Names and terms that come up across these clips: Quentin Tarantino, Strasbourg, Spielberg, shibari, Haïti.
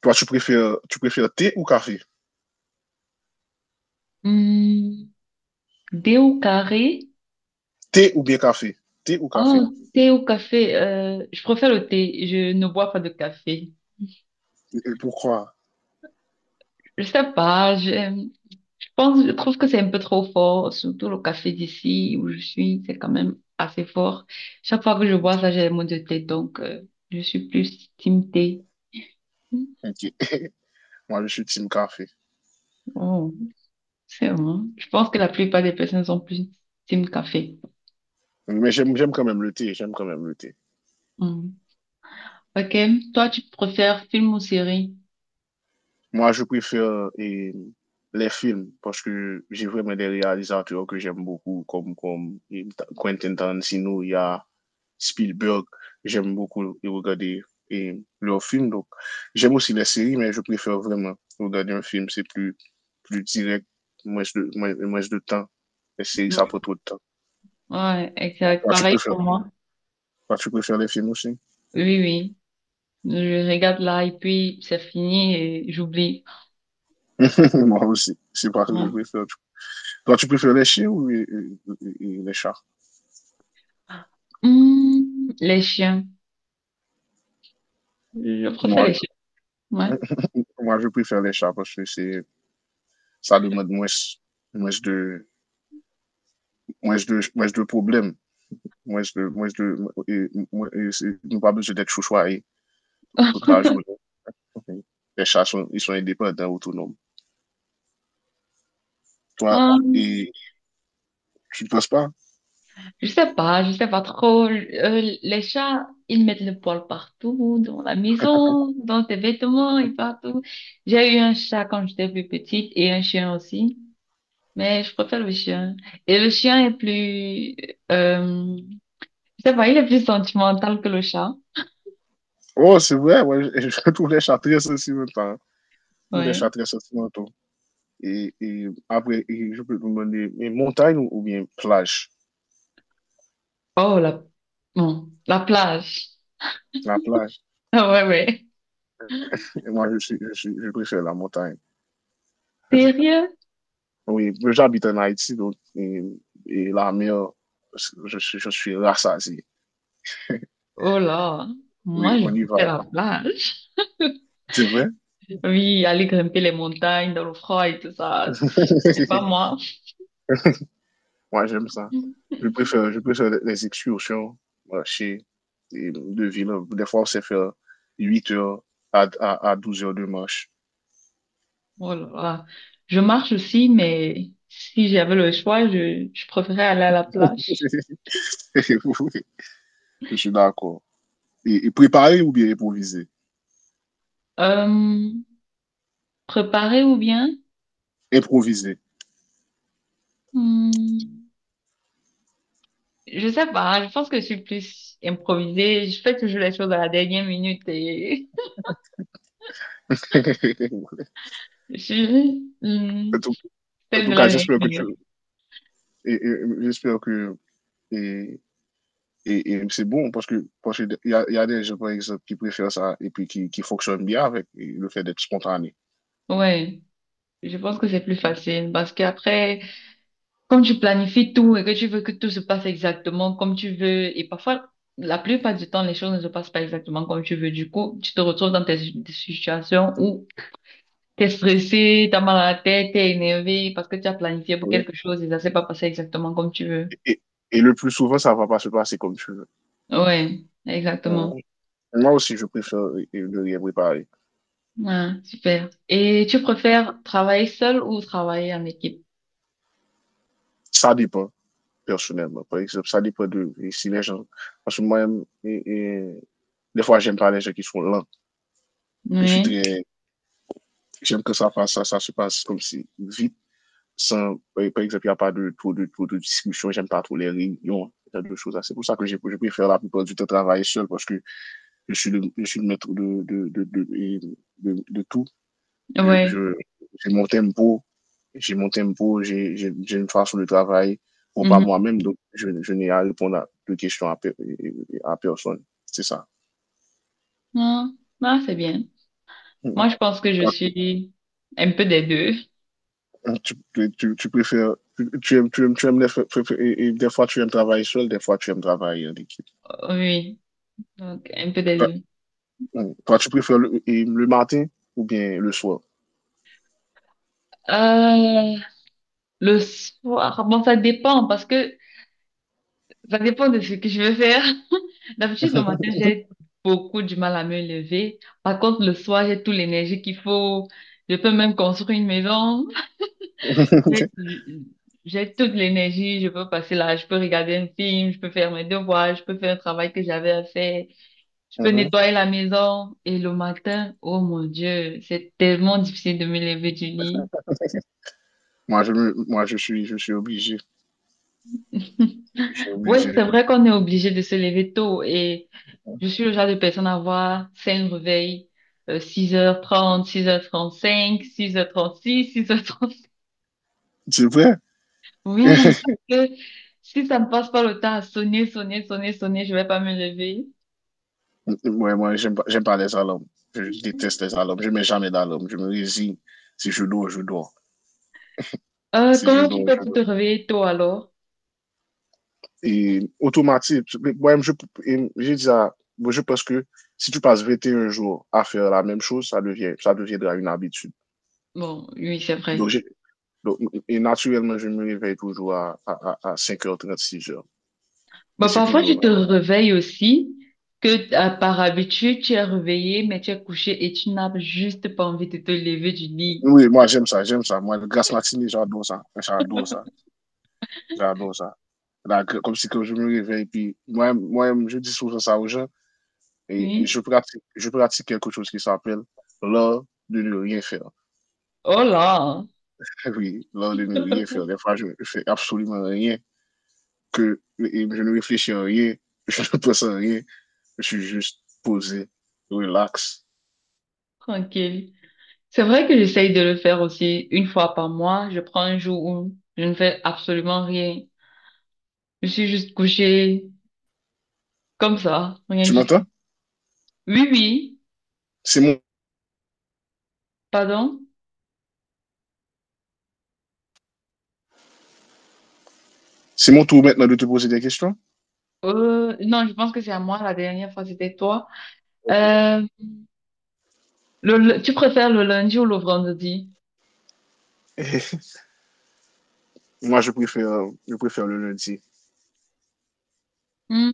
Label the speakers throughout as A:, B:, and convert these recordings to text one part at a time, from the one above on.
A: Toi, tu préfères thé ou café?
B: Hmm, thé au carré.
A: Thé ou bien café? Thé ou café?
B: Oh, thé au café. Je préfère le thé. Je ne bois pas de café.
A: Et pourquoi?
B: Je sais pas. Je pense, je trouve que c'est un peu trop fort. Surtout le café d'ici où je suis, c'est quand même assez fort. Chaque fois que je
A: Ok.
B: bois ça, j'ai les maux de tête. Donc, je suis plus team thé. Hmm,
A: Moi, je suis team café.
B: oh, c'est vrai. Je pense que la plupart des personnes sont plus team café.
A: Mais j'aime quand même le thé. J'aime quand même le thé.
B: Hmm. Ok. Toi, tu préfères film ou série?
A: Moi, je préfère les films parce que j'ai vraiment des réalisateurs que j'aime beaucoup, comme, comme Quentin Tarantino, il y a Spielberg. J'aime beaucoup regarder leurs films. Donc, j'aime aussi les séries, mais je préfère vraiment regarder un film. C'est plus direct, moins de temps. Les séries, ça
B: Hmm.
A: prend trop de temps.
B: Ouais, exact.
A: Toi, tu
B: Pareil
A: préfères,
B: pour moi.
A: toi, tu préfères les films aussi?
B: Oui, oui. Je regarde là et puis c'est fini et j'oublie.
A: Moi aussi. C'est pas ce que je
B: Ouais.
A: préfère. Toi, tu préfères les chiens ou les chats?
B: Hmm, les chiens. Je préfère
A: Moi,
B: les chiens. Ouais.
A: Moi, je préfère les chats parce que ça demande moins de, moins de problèmes. Moins de, et, moins- Nous pas besoin d'être chouchoués toute la journée. Mhm. Les chats sont, ils sont indépendants, autonomes. Toi,
B: Hum,
A: et tu ne penses pas?
B: je sais pas, je sais pas trop. Les chats, ils mettent le poil partout, dans la maison, dans tes vêtements et partout. J'ai eu un chat quand j'étais plus petite et un chien aussi, mais je préfère le chien. Et le chien est plus, euh, je sais pas, il est plus sentimental que le chat.
A: Oh, c'est vrai, ouais, je trouve les chats très sentimentaux. Tous les
B: Ouais.
A: chats très sentimentaux. Et après, et je peux te demander, mais montagne ou bien plage?
B: Oh, bon, la plage.
A: La plage.
B: Ah ouais, ouais.
A: Et moi, je préfère la montagne.
B: Sérieux?
A: Oui, j'habite en Haïti, donc, et la mer, je suis rassasié.
B: Oh là, moi,
A: Oui,
B: je
A: on y va.
B: préfère la plage.
A: C'est vrai?
B: Oui, aller grimper les montagnes dans le froid et tout ça, c'est pas moi.
A: Moi, j'aime ça. Je préfère, je préfère les excursions, marcher et de ville. Des fois, on sait faire 8 heures à 12 heures de marche.
B: Oh là là. Je marche aussi, mais si j'avais le choix, je préférais aller à la plage.
A: Oui, je suis d'accord. Et préparer ou bien improviser?
B: Euh, Préparer ou bien?
A: Improviser.
B: Hmm, je sais pas, je pense que je suis plus improvisée. Je fais toujours les choses à la dernière minute et je suis...
A: En tout, en
B: celle
A: tout
B: de
A: cas,
B: la dernière
A: j'espère que
B: minute.
A: et- et- j'espère que, et c'est bon parce qu'il y a, y a des gens, par exemple, qui préfèrent ça et puis qui fonctionnent bien avec le fait d'être spontané.
B: Ouais, je pense que c'est plus facile parce qu'après, quand tu planifies tout et que tu veux que tout se passe exactement comme tu veux, et parfois, la plupart du temps, les choses ne se passent pas exactement comme tu veux. Du coup, tu te retrouves dans tes des situations où t'es stressé, t'as mal à la tête, t'es énervé parce que tu as planifié pour
A: OK?
B: quelque chose et ça s'est pas passé exactement comme tu veux.
A: Et, et, et le plus souvent, ça va pas se passer comme tu veux.
B: Ouais, exactement.
A: Mmh. Moi aussi, je préfère ne rien préparer.
B: Ouais, super. Et tu préfères travailler seul ou travailler en équipe?
A: Ça dépend, personnellement. Par exemple, ça dépend de et si les gens. Parce que moi-même, des fois, j'aime pas les gens qui sont lents. Je suis
B: Oui,
A: très. J'aime que ça se passe comme si vite. Sans, par exemple, il n'y a pas de trop de discussion, j'aime pas trop les réunions, il y a deux choses. C'est pour ça que je préfère la plupart du temps travailler seul parce que je suis le maître de tout. Je,
B: ouais.
A: je, j'ai mon tempo, j'ai une façon de travailler pour pas
B: Mhm.
A: moi-même, donc je n'ai à répondre à de questions à personne. C'est ça.
B: Ah, ah, c'est bien. Moi,
A: Mhm.
B: je pense que je
A: Toi,
B: suis un peu des deux.
A: Tu aimes les fa- fa- fa- et des fois tu aimes travailler seul, des fois tu aimes travailler en équipe.
B: Oui, donc un peu des deux.
A: Mm. Toi, tu préfères le matin ou bien le soir?
B: Euh, le soir, bon, ça dépend parce que ça dépend de ce que je veux faire. D'habitude, le matin, j'ai beaucoup du mal à me lever. Par contre, le soir, j'ai toute l'énergie qu'il faut. Je peux même construire une maison.
A: Ok.
B: J'ai j'ai toute l'énergie. Je peux passer là, je peux regarder un film, je peux faire mes devoirs, je peux faire un travail que j'avais à faire. Je peux
A: Mhm.
B: nettoyer la maison et le matin, oh mon Dieu, c'est tellement difficile de me lever du lit.
A: Moi, je suis obligé. Je suis
B: Ouais,
A: obligé.
B: c'est vrai qu'on est obligé de se lever tôt et je suis le genre de personne à avoir 5 réveils, 6h30, 6h35, 6 h six 6h36.
A: C'est vrai?
B: Oui, parce que si ça ne passe pas le temps à sonner, sonner, sonner, sonner, je vais pas me lever.
A: Mm, ouais, moi, j'aime pas les alarmes. Je déteste les alarmes. Je mets jamais d'alarme. Je me résigne. Si je dors, je dors. Si je
B: Comment tu
A: dors,
B: fais
A: je
B: pour te
A: dors.
B: réveiller tôt alors?
A: Et automatique, mais moi-même, je, et j'ai dit ça. Moi, je pense que si tu passes 21 jours à faire la même chose, ça devient, ça deviendra une habitude.
B: Bon, oui, c'est
A: Donc,
B: vrai.
A: j'ai, donc, naturellement, je me réveille toujours à 5h30, 6h. Et
B: Bah,
A: c'est
B: parfois, tu te
A: toujours
B: réveilles aussi, que à- par habitude, tu es réveillé, mais tu es couché et tu n'as juste pas envie de te lever du lit.
A: Oui, moi j'aime ça. Moi, le grasse matinée, j'adore ça. J'adore ça. J'adore ça. Là, comme si que je me réveille, puis moi je dis souvent ça aux gens, et je
B: Oui.
A: pratique, je pratique quelque chose qui s'appelle l'art de ne rien faire.
B: Oh là,
A: Oui, l'art de ne rien faire. Des fois, je ne fais absolument rien, que et je ne réfléchis à rien, je ne pense à rien, je suis juste posé, relax.
B: tranquille. C'est vrai que j'essaye de le faire aussi 1 fois par mois. Je prends un jour où je ne fais absolument rien. Je suis juste couché comme ça, rien
A: Tu
B: du
A: m'entends?
B: tout. Oui, oui,
A: C'est mon,
B: pardon.
A: c'est mon tour maintenant de te poser des questions.
B: Non, je pense que c'est à moi la dernière fois, c'était toi.
A: Ok.
B: Euh, Tu préfères le lundi ou le vendredi?
A: Moi, je préfère le lundi.
B: Hmm,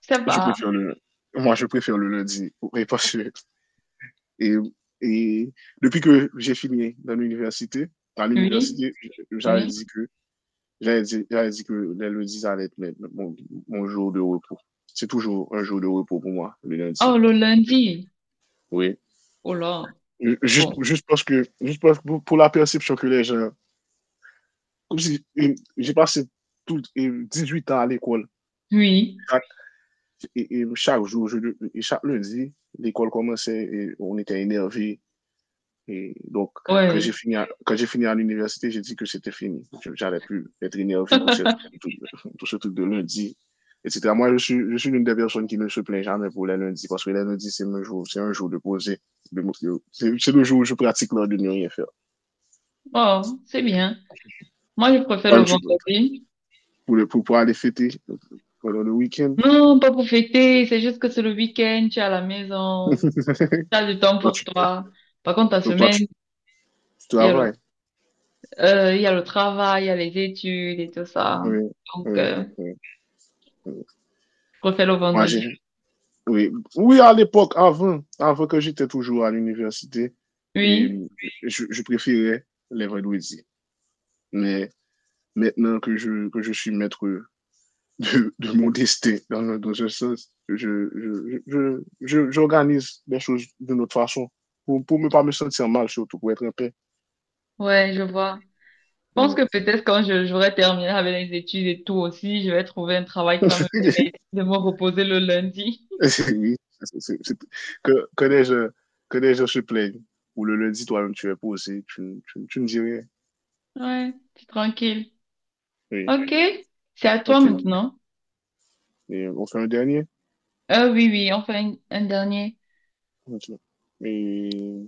B: Ça
A: Je
B: va.
A: préfère le Moi, je préfère le lundi parce que et et depuis que j'ai fini dans l'université à
B: Oui,
A: l'université, j'avais
B: oui.
A: dit que j'avais dit que les lundis allaient être mes mon mon jour de repos. C'est toujours un jour de repos pour moi, le lundi.
B: Oh, le lundi.
A: Oui.
B: Oh là.
A: Ju
B: Bon.
A: juste juste parce que pour la perception que les gens comme si, j'ai passé tout 18 ans à l'école.
B: Oui.
A: Chaque chaque jour, je et chaque lundi, l'école commençait et on était énervé. Et donc, quand
B: Ouais.
A: j'ai fini à, quand j'ai fini à l'université, j'ai dit que c'était fini. J'allais plus être énervé pour tout, tout ce truc de lundi, etc. Moi, je suis l'une des personnes qui ne se plaint jamais pour les lundis parce que les lundis, c'est un jour de poser. de me- c'est le jour où je pratique l'art de ne rien faire.
B: Oh, c'est bien. Moi, je préfère
A: Moi,
B: le
A: je suis- prêt
B: vendredi.
A: pour pouvoir aller fêter pendant le week-end.
B: Non, pas pour fêter. C'est juste que c'est le week-end. Tu es à la maison. Tu as du temps
A: Toi,
B: pour toi. Par contre, ta
A: donc, toi, tu,
B: semaine,
A: tu
B: il y a le,
A: travailles.
B: il y a le travail, il y a les études et tout ça.
A: Oui,
B: Donc,
A: oui, oui. Oui.
B: je préfère le
A: Moi,
B: vendredi.
A: oui, oui à l'époque, avant que j'étais toujours à l'université, et
B: Oui.
A: je préférais les vendredis. Mais maintenant que je suis maître de mon destin dans un sens, j'organise les choses d'une autre façon pour ne pas me sentir mal, surtout pour être en paix.
B: Ouais, je vois. Je pense
A: Oui.
B: que peut-être quand j'aurai terminé avec les études et tout aussi, je vais trouver un travail qui va me permettre de me reposer le lundi.
A: Oui, c'est- c'est- c'est- que, que, les gens, que les gens se plaignent. Ou le lundi, toi-même, tu es posé, tu ne dis rien.
B: Ouais, c'est tranquille.
A: Oui,
B: Ok, c'est à toi
A: ok.
B: maintenant.
A: Et on fait un dernier.
B: Oui, oui, enfin un dernier.
A: OK. Et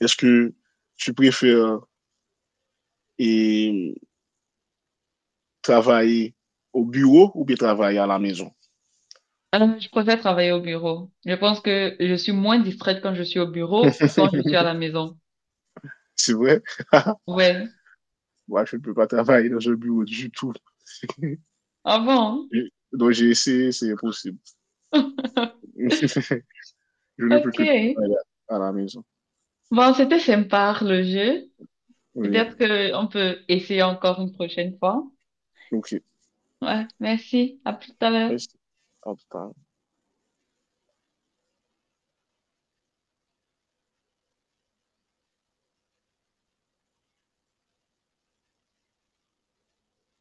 A: est-ce que tu préfères et travailler au bureau ou bien travailler à la maison?
B: Je préfère travailler au bureau. Je pense que je suis moins distraite quand je suis au bureau que quand je suis à la maison.
A: C'est vrai?
B: Ouais.
A: Moi, je ne peux pas travailler dans un bureau du tout.
B: Avant.
A: Donc j'ai essayé, c'est impossible. Je ne peux
B: Ok.
A: que travailler à la maison.
B: Bon, c'était sympa le jeu.
A: Oui,
B: Peut-être que on peut essayer encore une prochaine fois.
A: OK.
B: Ouais, merci. À plus tard.
A: Merci. À tout à l'heure.